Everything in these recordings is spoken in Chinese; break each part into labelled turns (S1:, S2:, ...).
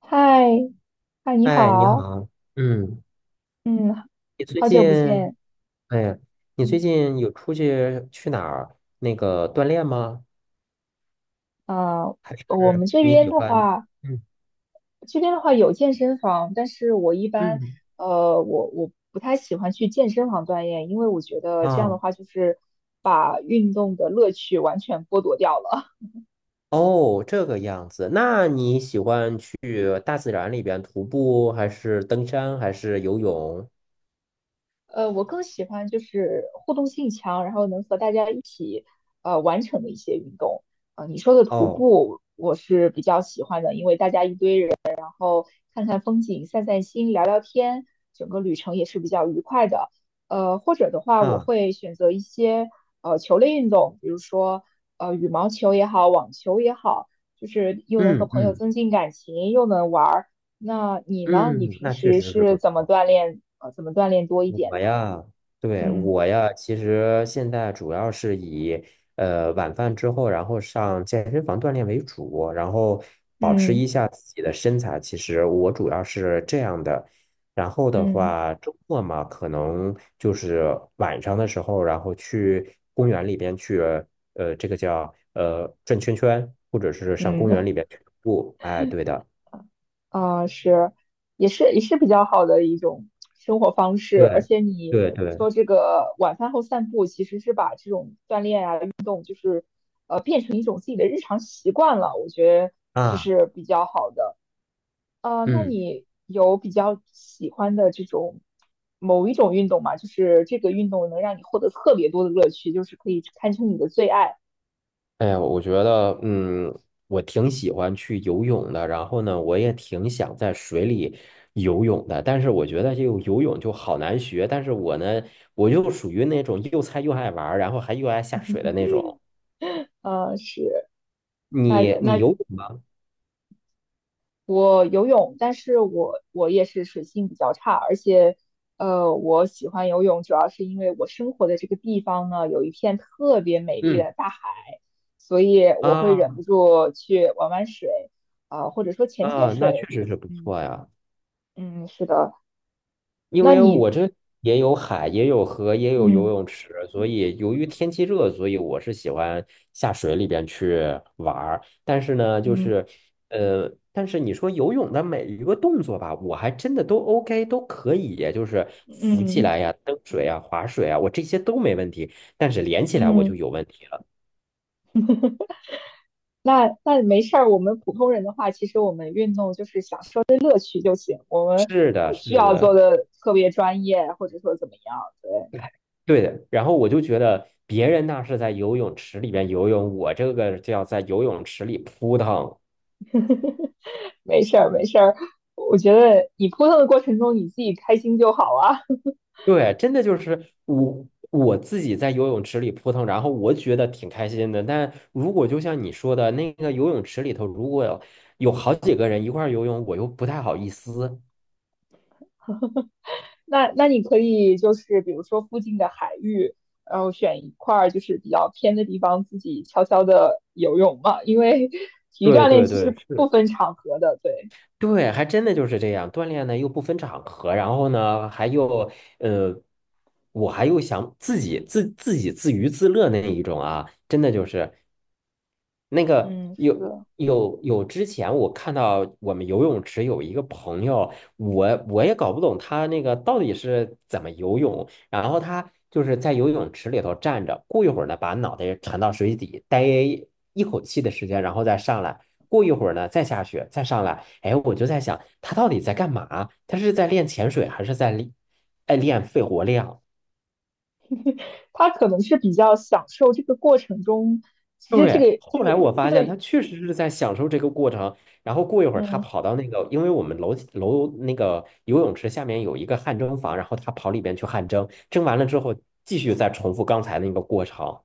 S1: 嗨，嗨，你
S2: 哎，你
S1: 好，
S2: 好，嗯，
S1: 嗯，
S2: 你最
S1: 好久不
S2: 近，
S1: 见。
S2: 哎呀，你最
S1: 嗯，
S2: 近有出去去哪儿那个锻炼吗？
S1: 呃，
S2: 还
S1: 我
S2: 是
S1: 们这
S2: 你
S1: 边
S2: 喜
S1: 的
S2: 欢？
S1: 话，
S2: 嗯
S1: 有健身房，但是我一般，
S2: 嗯，
S1: 我不太喜欢去健身房锻炼，因为我觉得这样的
S2: 啊，
S1: 话就是把运动的乐趣完全剥夺掉了。
S2: 哦，这个样子。那你喜欢去大自然里边徒步，还是登山，还是游泳？
S1: 我更喜欢就是互动性强，然后能和大家一起完成的一些运动。你说的徒
S2: 哦，
S1: 步我是比较喜欢的，因为大家一堆人，然后看看风景、散散心、聊聊天，整个旅程也是比较愉快的。或者的话，我
S2: 啊，
S1: 会选择一些球类运动，比如说羽毛球也好，网球也好，就是又能和
S2: 嗯
S1: 朋友
S2: 嗯
S1: 增进感情，又能玩儿。那你呢？你
S2: 嗯，
S1: 平
S2: 那确
S1: 时
S2: 实是
S1: 是
S2: 不
S1: 怎么
S2: 错。
S1: 锻炼？怎么锻炼多一点
S2: 我
S1: 呢？
S2: 呀，对，
S1: 嗯
S2: 我呀，其实现在主要是以晚饭之后，然后上健身房锻炼为主，然后保持
S1: 嗯
S2: 一下自己的身材。其实我主要是这样的。然后的
S1: 嗯
S2: 话，周末嘛，可能就是晚上的时候，然后去公园里边去，这个叫转圈圈，或者是上
S1: 嗯。
S2: 公园里边去徒步。哎，对的，
S1: 啊，是，也是比较好的一种生活方式。
S2: 对，
S1: 而且你
S2: 对对，
S1: 说这个晚饭后散步，其实是把这种锻炼啊，变成一种自己的日常习惯了，我觉得这
S2: 啊，
S1: 是比较好的。那
S2: 嗯。
S1: 你有比较喜欢的这种某一种运动吗？就是这个运动能让你获得特别多的乐趣，就是可以堪称你的最爱。
S2: 哎呀，我觉得，嗯，我挺喜欢去游泳的，然后呢，我也挺想在水里游泳的，但是我觉得这个游泳就好难学，但是我呢，我就属于那种又菜又爱玩儿，然后还又爱下水的那种。
S1: 是。那
S2: 你
S1: 那
S2: 你游泳吗？
S1: 我游泳，但是我也是水性比较差，而且，我喜欢游泳主要是因为我生活的这个地方呢有一片特别美丽
S2: 嗯，
S1: 的大海，所以我会忍
S2: 啊，
S1: 不住去玩玩水，啊、或者说潜潜
S2: 啊，那确
S1: 水。
S2: 实是不
S1: 嗯。
S2: 错呀。
S1: 嗯，是的。
S2: 因
S1: 那
S2: 为
S1: 你，
S2: 我这也有海，也有河，也有游
S1: 嗯
S2: 泳池，所以由于天气热，所以我是喜欢下水里边去玩儿。但是呢，就
S1: 嗯
S2: 是但是你说游泳的每一个动作吧，我还真的都 OK，都可以，就是浮起
S1: 嗯
S2: 来呀、蹬水呀、划水啊，我这些都没问题。但是连起来我就
S1: 嗯，
S2: 有问题了。
S1: 那没事儿。我们普通人的话，其实我们运动就是享受乐趣就行，我们
S2: 是的，
S1: 不需
S2: 是
S1: 要做
S2: 的。
S1: 的特别专业，或者说怎么样。对。
S2: 哎，对的，然后我就觉得别人那是在游泳池里边游泳，我这个就要在游泳池里扑腾。
S1: 没事儿，没事儿。我觉得你扑腾的过程中，你自己开心就好啊。
S2: 对，真的就是我自己在游泳池里扑腾，然后我觉得挺开心的。但如果就像你说的那个游泳池里头，如果有好几个人一块儿游泳，我又不太好意思。
S1: 那你可以就是比如说附近的海域，然后选一块儿就是比较偏的地方，自己悄悄的游泳嘛。因为 体育
S2: 对
S1: 锻炼
S2: 对
S1: 其实
S2: 对，是。
S1: 不分场合的，对，
S2: 对，还真的就是这样，锻炼呢又不分场合，然后呢还又呃，我还又想自己自娱自乐那一种啊，真的就是。那个
S1: 嗯，
S2: 有
S1: 是的。
S2: 有有，之前我看到我们游泳池有一个朋友，我也搞不懂他那个到底是怎么游泳，然后他就是在游泳池里头站着，过一会儿呢，把脑袋沉到水底，待一口气的时间，然后再上来，过一会儿呢，再下去，再上来。哎，我就在想，他到底在干嘛？他是在练潜水，还是在练，哎，练肺活量？
S1: 他可能是比较享受这个过程中，其实这
S2: 对，
S1: 个这
S2: 后来
S1: 个
S2: 我
S1: 这
S2: 发现
S1: 个，
S2: 他确实是在享受这个过程，然后过一会儿他
S1: 嗯，
S2: 跑到那个，因为我们楼那个游泳池下面有一个汗蒸房，然后他跑里边去汗蒸，蒸完了之后继续再重复刚才那个过程。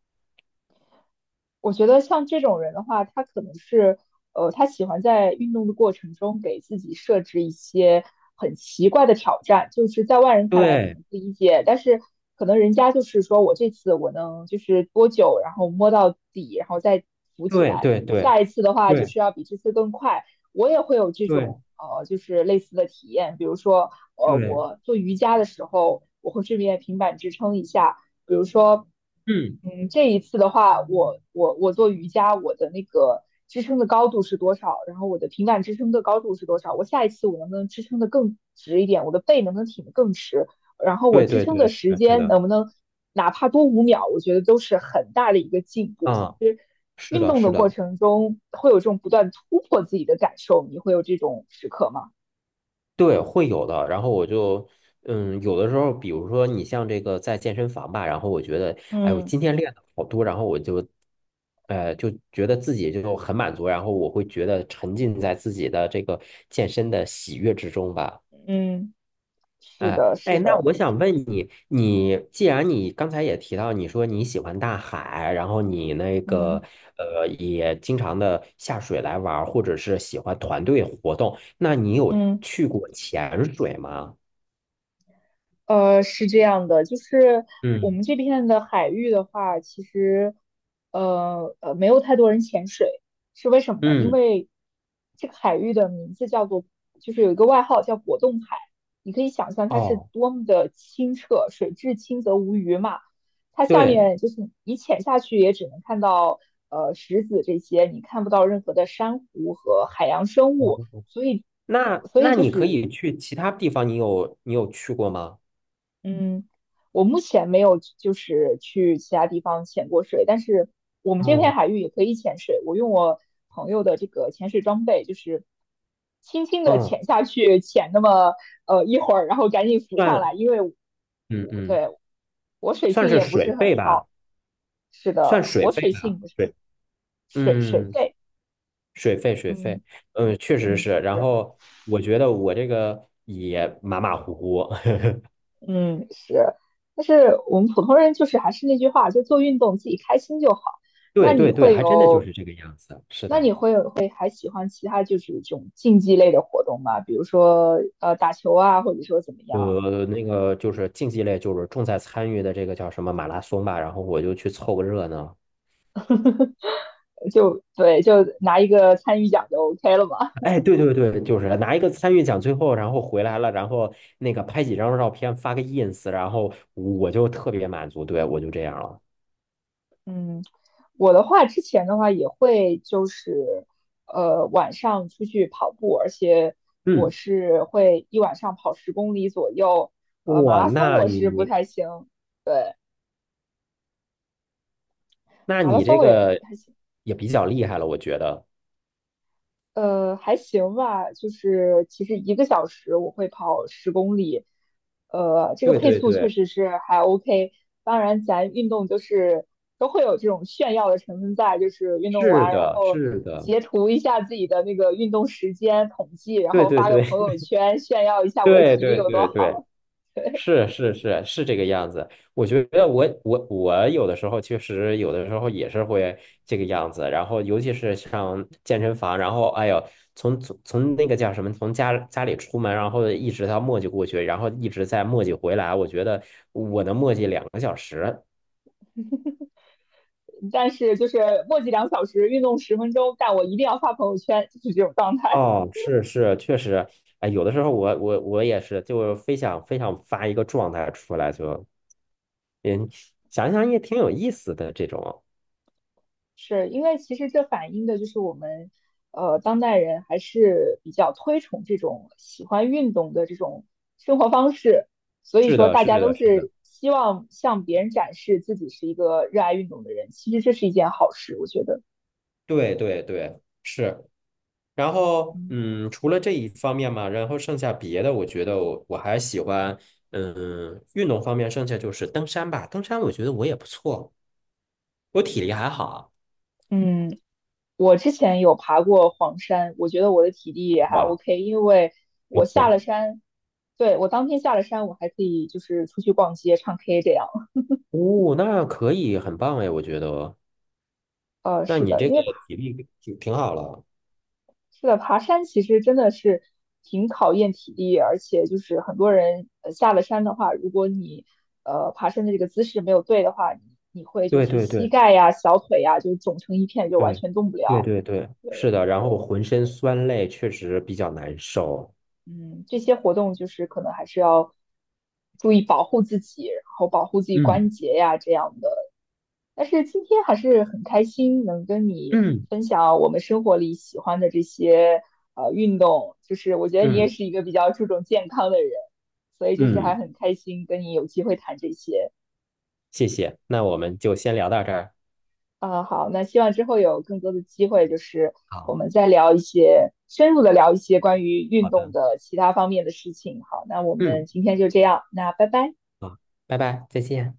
S1: 我觉得像这种人的话，他可能是，他喜欢在运动的过程中给自己设置一些很奇怪的挑战，就是在外人看来可
S2: 对，
S1: 能不理解，但是可能人家就是说我这次我能就是多久，然后摸到底，然后再浮起
S2: 对，
S1: 来，
S2: 对，
S1: 我
S2: 对，
S1: 下一次的话就
S2: 对，
S1: 是要比这次更快。我也会有这
S2: 对，
S1: 种就是类似的体验，比如说，
S2: 对，
S1: 我做瑜伽的时候，我会顺便平板支撑一下。比如说，
S2: 嗯，
S1: 嗯，这一次的话，我做瑜伽，我的那个支撑的高度是多少？然后我的平板支撑的高度是多少？我下一次我能不能支撑的更直一点？我的背能不能挺得更直？然后我
S2: 对，
S1: 支
S2: 对，
S1: 撑的
S2: 对，是
S1: 时
S2: 的，是
S1: 间
S2: 的，
S1: 能不能哪怕多5秒？我觉得都是很大的一个进步。其
S2: 啊，
S1: 实
S2: 是
S1: 运
S2: 的，
S1: 动的
S2: 是
S1: 过
S2: 的。
S1: 程中会有这种不断突破自己的感受，你会有这种时刻吗？
S2: 对，会有的。然后我就，嗯，有的时候，比如说你像这个在健身房吧，然后我觉得，哎呦，
S1: 嗯
S2: 今天练的好多，然后我就，就觉得自己就很满足，然后我会觉得沉浸在自己的这个健身的喜悦之中吧。
S1: 嗯，是
S2: 哎
S1: 的，是
S2: 哎，那
S1: 的，
S2: 我想问你，你既然你刚才也提到，你说你喜欢大海，然后你那
S1: 嗯
S2: 个也经常的下水来玩儿，或者是喜欢团队活动，那你有
S1: 嗯。
S2: 去过潜水吗？
S1: 是这样的，就是我
S2: 嗯，
S1: 们这片的海域的话，其实，没有太多人潜水，是为什么呢？因
S2: 嗯，
S1: 为这个海域的名字叫做，就是有一个外号叫果冻海，你可以想象它是
S2: 哦，
S1: 多么的清澈，水至清则无鱼嘛。它下
S2: 对，
S1: 面就是你潜下去也只能看到石子这些，你看不到任何的珊瑚和海洋生
S2: 我
S1: 物，所以
S2: 那
S1: 所以
S2: 那
S1: 就
S2: 你可
S1: 是
S2: 以去其他地方，你有去过吗？
S1: 嗯，我目前没有就是去其他地方潜过水，但是我们这片
S2: 哦，
S1: 海域也可以潜水。我用我朋友的这个潜水装备，就是轻轻的
S2: 嗯，
S1: 潜下去，潜那么一会儿，然后赶紧浮上
S2: 算，
S1: 来，因为
S2: 嗯
S1: 我
S2: 嗯，
S1: 对我水
S2: 算
S1: 性
S2: 是
S1: 也不
S2: 水
S1: 是
S2: 费
S1: 很
S2: 吧，
S1: 好。是
S2: 算
S1: 的，
S2: 水
S1: 我
S2: 费
S1: 水
S2: 吧。
S1: 性不是很
S2: 对，
S1: 水水
S2: 嗯，
S1: 肺。
S2: 水费水
S1: 嗯。
S2: 费，嗯，确实
S1: 嗯，
S2: 是。然
S1: 是。
S2: 后我觉得我这个也马马虎虎，
S1: 嗯，是，但是我们普通人就是还是那句话，就做运动自己开心就好。那
S2: 对
S1: 你
S2: 对对，
S1: 会
S2: 还真的就
S1: 有，
S2: 是这个样子。是
S1: 那你
S2: 的，
S1: 会有会还喜欢其他就是这种竞技类的活动吗？比如说打球啊，或者说怎么样？
S2: 那个就是竞技类，就是重在参与的这个叫什么马拉松吧，然后我就去凑个热闹。
S1: 就对，就拿一个参与奖就 OK 了嘛。
S2: 哎，对对对，就是拿一个参与奖，最后然后回来了，然后那个拍几张照片发个 ins，然后我就特别满足，对，我就这样了。
S1: 嗯，我的话之前的话也会就是晚上出去跑步，而且我
S2: 嗯，
S1: 是会一晚上跑十公里左右。马
S2: 哇，
S1: 拉松我是不太行，
S2: 那
S1: 马拉
S2: 你
S1: 松
S2: 这
S1: 我也
S2: 个
S1: 还行，
S2: 也比较厉害了，我觉得。
S1: 还行吧。就是其实1个小时我会跑十公里，这个
S2: 对
S1: 配
S2: 对
S1: 速确
S2: 对，
S1: 实是还 OK。当然，咱运动就是都会有这种炫耀的成分在，就是运动
S2: 是
S1: 完然
S2: 的，
S1: 后
S2: 是的，
S1: 截图一下自己的那个运动时间统计，然
S2: 对
S1: 后
S2: 对
S1: 发个
S2: 对
S1: 朋友圈炫耀一 下我的
S2: 对
S1: 体力
S2: 对
S1: 有多
S2: 对对。
S1: 好。
S2: 是是是是这个样子，我觉得我有的时候确实有的时候也是会这个样子，然后尤其是像健身房，然后哎呦，从那个叫什么，从家里出门，然后一直到磨叽过去，然后一直在磨叽回来，我觉得我能磨叽2个小时。
S1: 但是就是墨迹2小时，运动10分钟，但我一定要发朋友圈，就是这种状态。
S2: 哦，是是，确实，哎，有的时候我也是，就非想非想发一个状态出来就，嗯，想想也挺有意思的这种。
S1: 是因为其实这反映的就是我们，当代人还是比较推崇这种喜欢运动的这种生活方式，所以
S2: 是
S1: 说
S2: 的，
S1: 大
S2: 是
S1: 家都
S2: 的，是的。
S1: 是希望向别人展示自己是一个热爱运动的人。其实这是一件好事，我觉得。
S2: 对对对，是。然后，
S1: 嗯
S2: 嗯，除了这一方面嘛，然后剩下别的，我觉得我还喜欢，嗯，运动方面，剩下就是登山吧。登山我觉得我也不错，我体力还好。
S1: 嗯，我之前有爬过黄山，我觉得我的体力也还
S2: 哇，
S1: OK，因为
S2: 不
S1: 我下了
S2: 错。
S1: 山，对，我当天下了山，我还可以就是出去逛街、唱 K 这样。
S2: 哦，那可以，很棒哎，我觉得。那
S1: 是
S2: 你
S1: 的，
S2: 这
S1: 因
S2: 个
S1: 为。
S2: 体力挺好了。
S1: 是的，爬山其实真的是挺考验体力，而且就是很多人下了山的话，如果你爬山的这个姿势没有对的话，你会就
S2: 对
S1: 是
S2: 对
S1: 膝
S2: 对
S1: 盖呀、小腿呀就肿成一片，就完
S2: 对
S1: 全动不
S2: 对
S1: 了。
S2: 对对，是
S1: 对
S2: 的。然
S1: 对，
S2: 后浑身酸累，确实比较难受。
S1: 嗯，这些活动就是可能还是要注意保护自己，然后保护自己
S2: 嗯
S1: 关节呀这样的。但是今天还是很开心能跟你
S2: 嗯
S1: 分享我们生活里喜欢的这些运动，就是我觉得你也
S2: 嗯
S1: 是一个比较注重健康的人，所以就是还
S2: 嗯，
S1: 很开心跟你有机会谈这些。
S2: 谢谢。那我们就先聊到这儿。
S1: 啊、好，那希望之后有更多的机会，就是我
S2: 好，
S1: 们再聊一些深入的聊一些关于运
S2: 好
S1: 动
S2: 的，
S1: 的其他方面的事情。好，那我们
S2: 嗯，
S1: 今天就这样，那拜拜。
S2: 好拜拜，再见。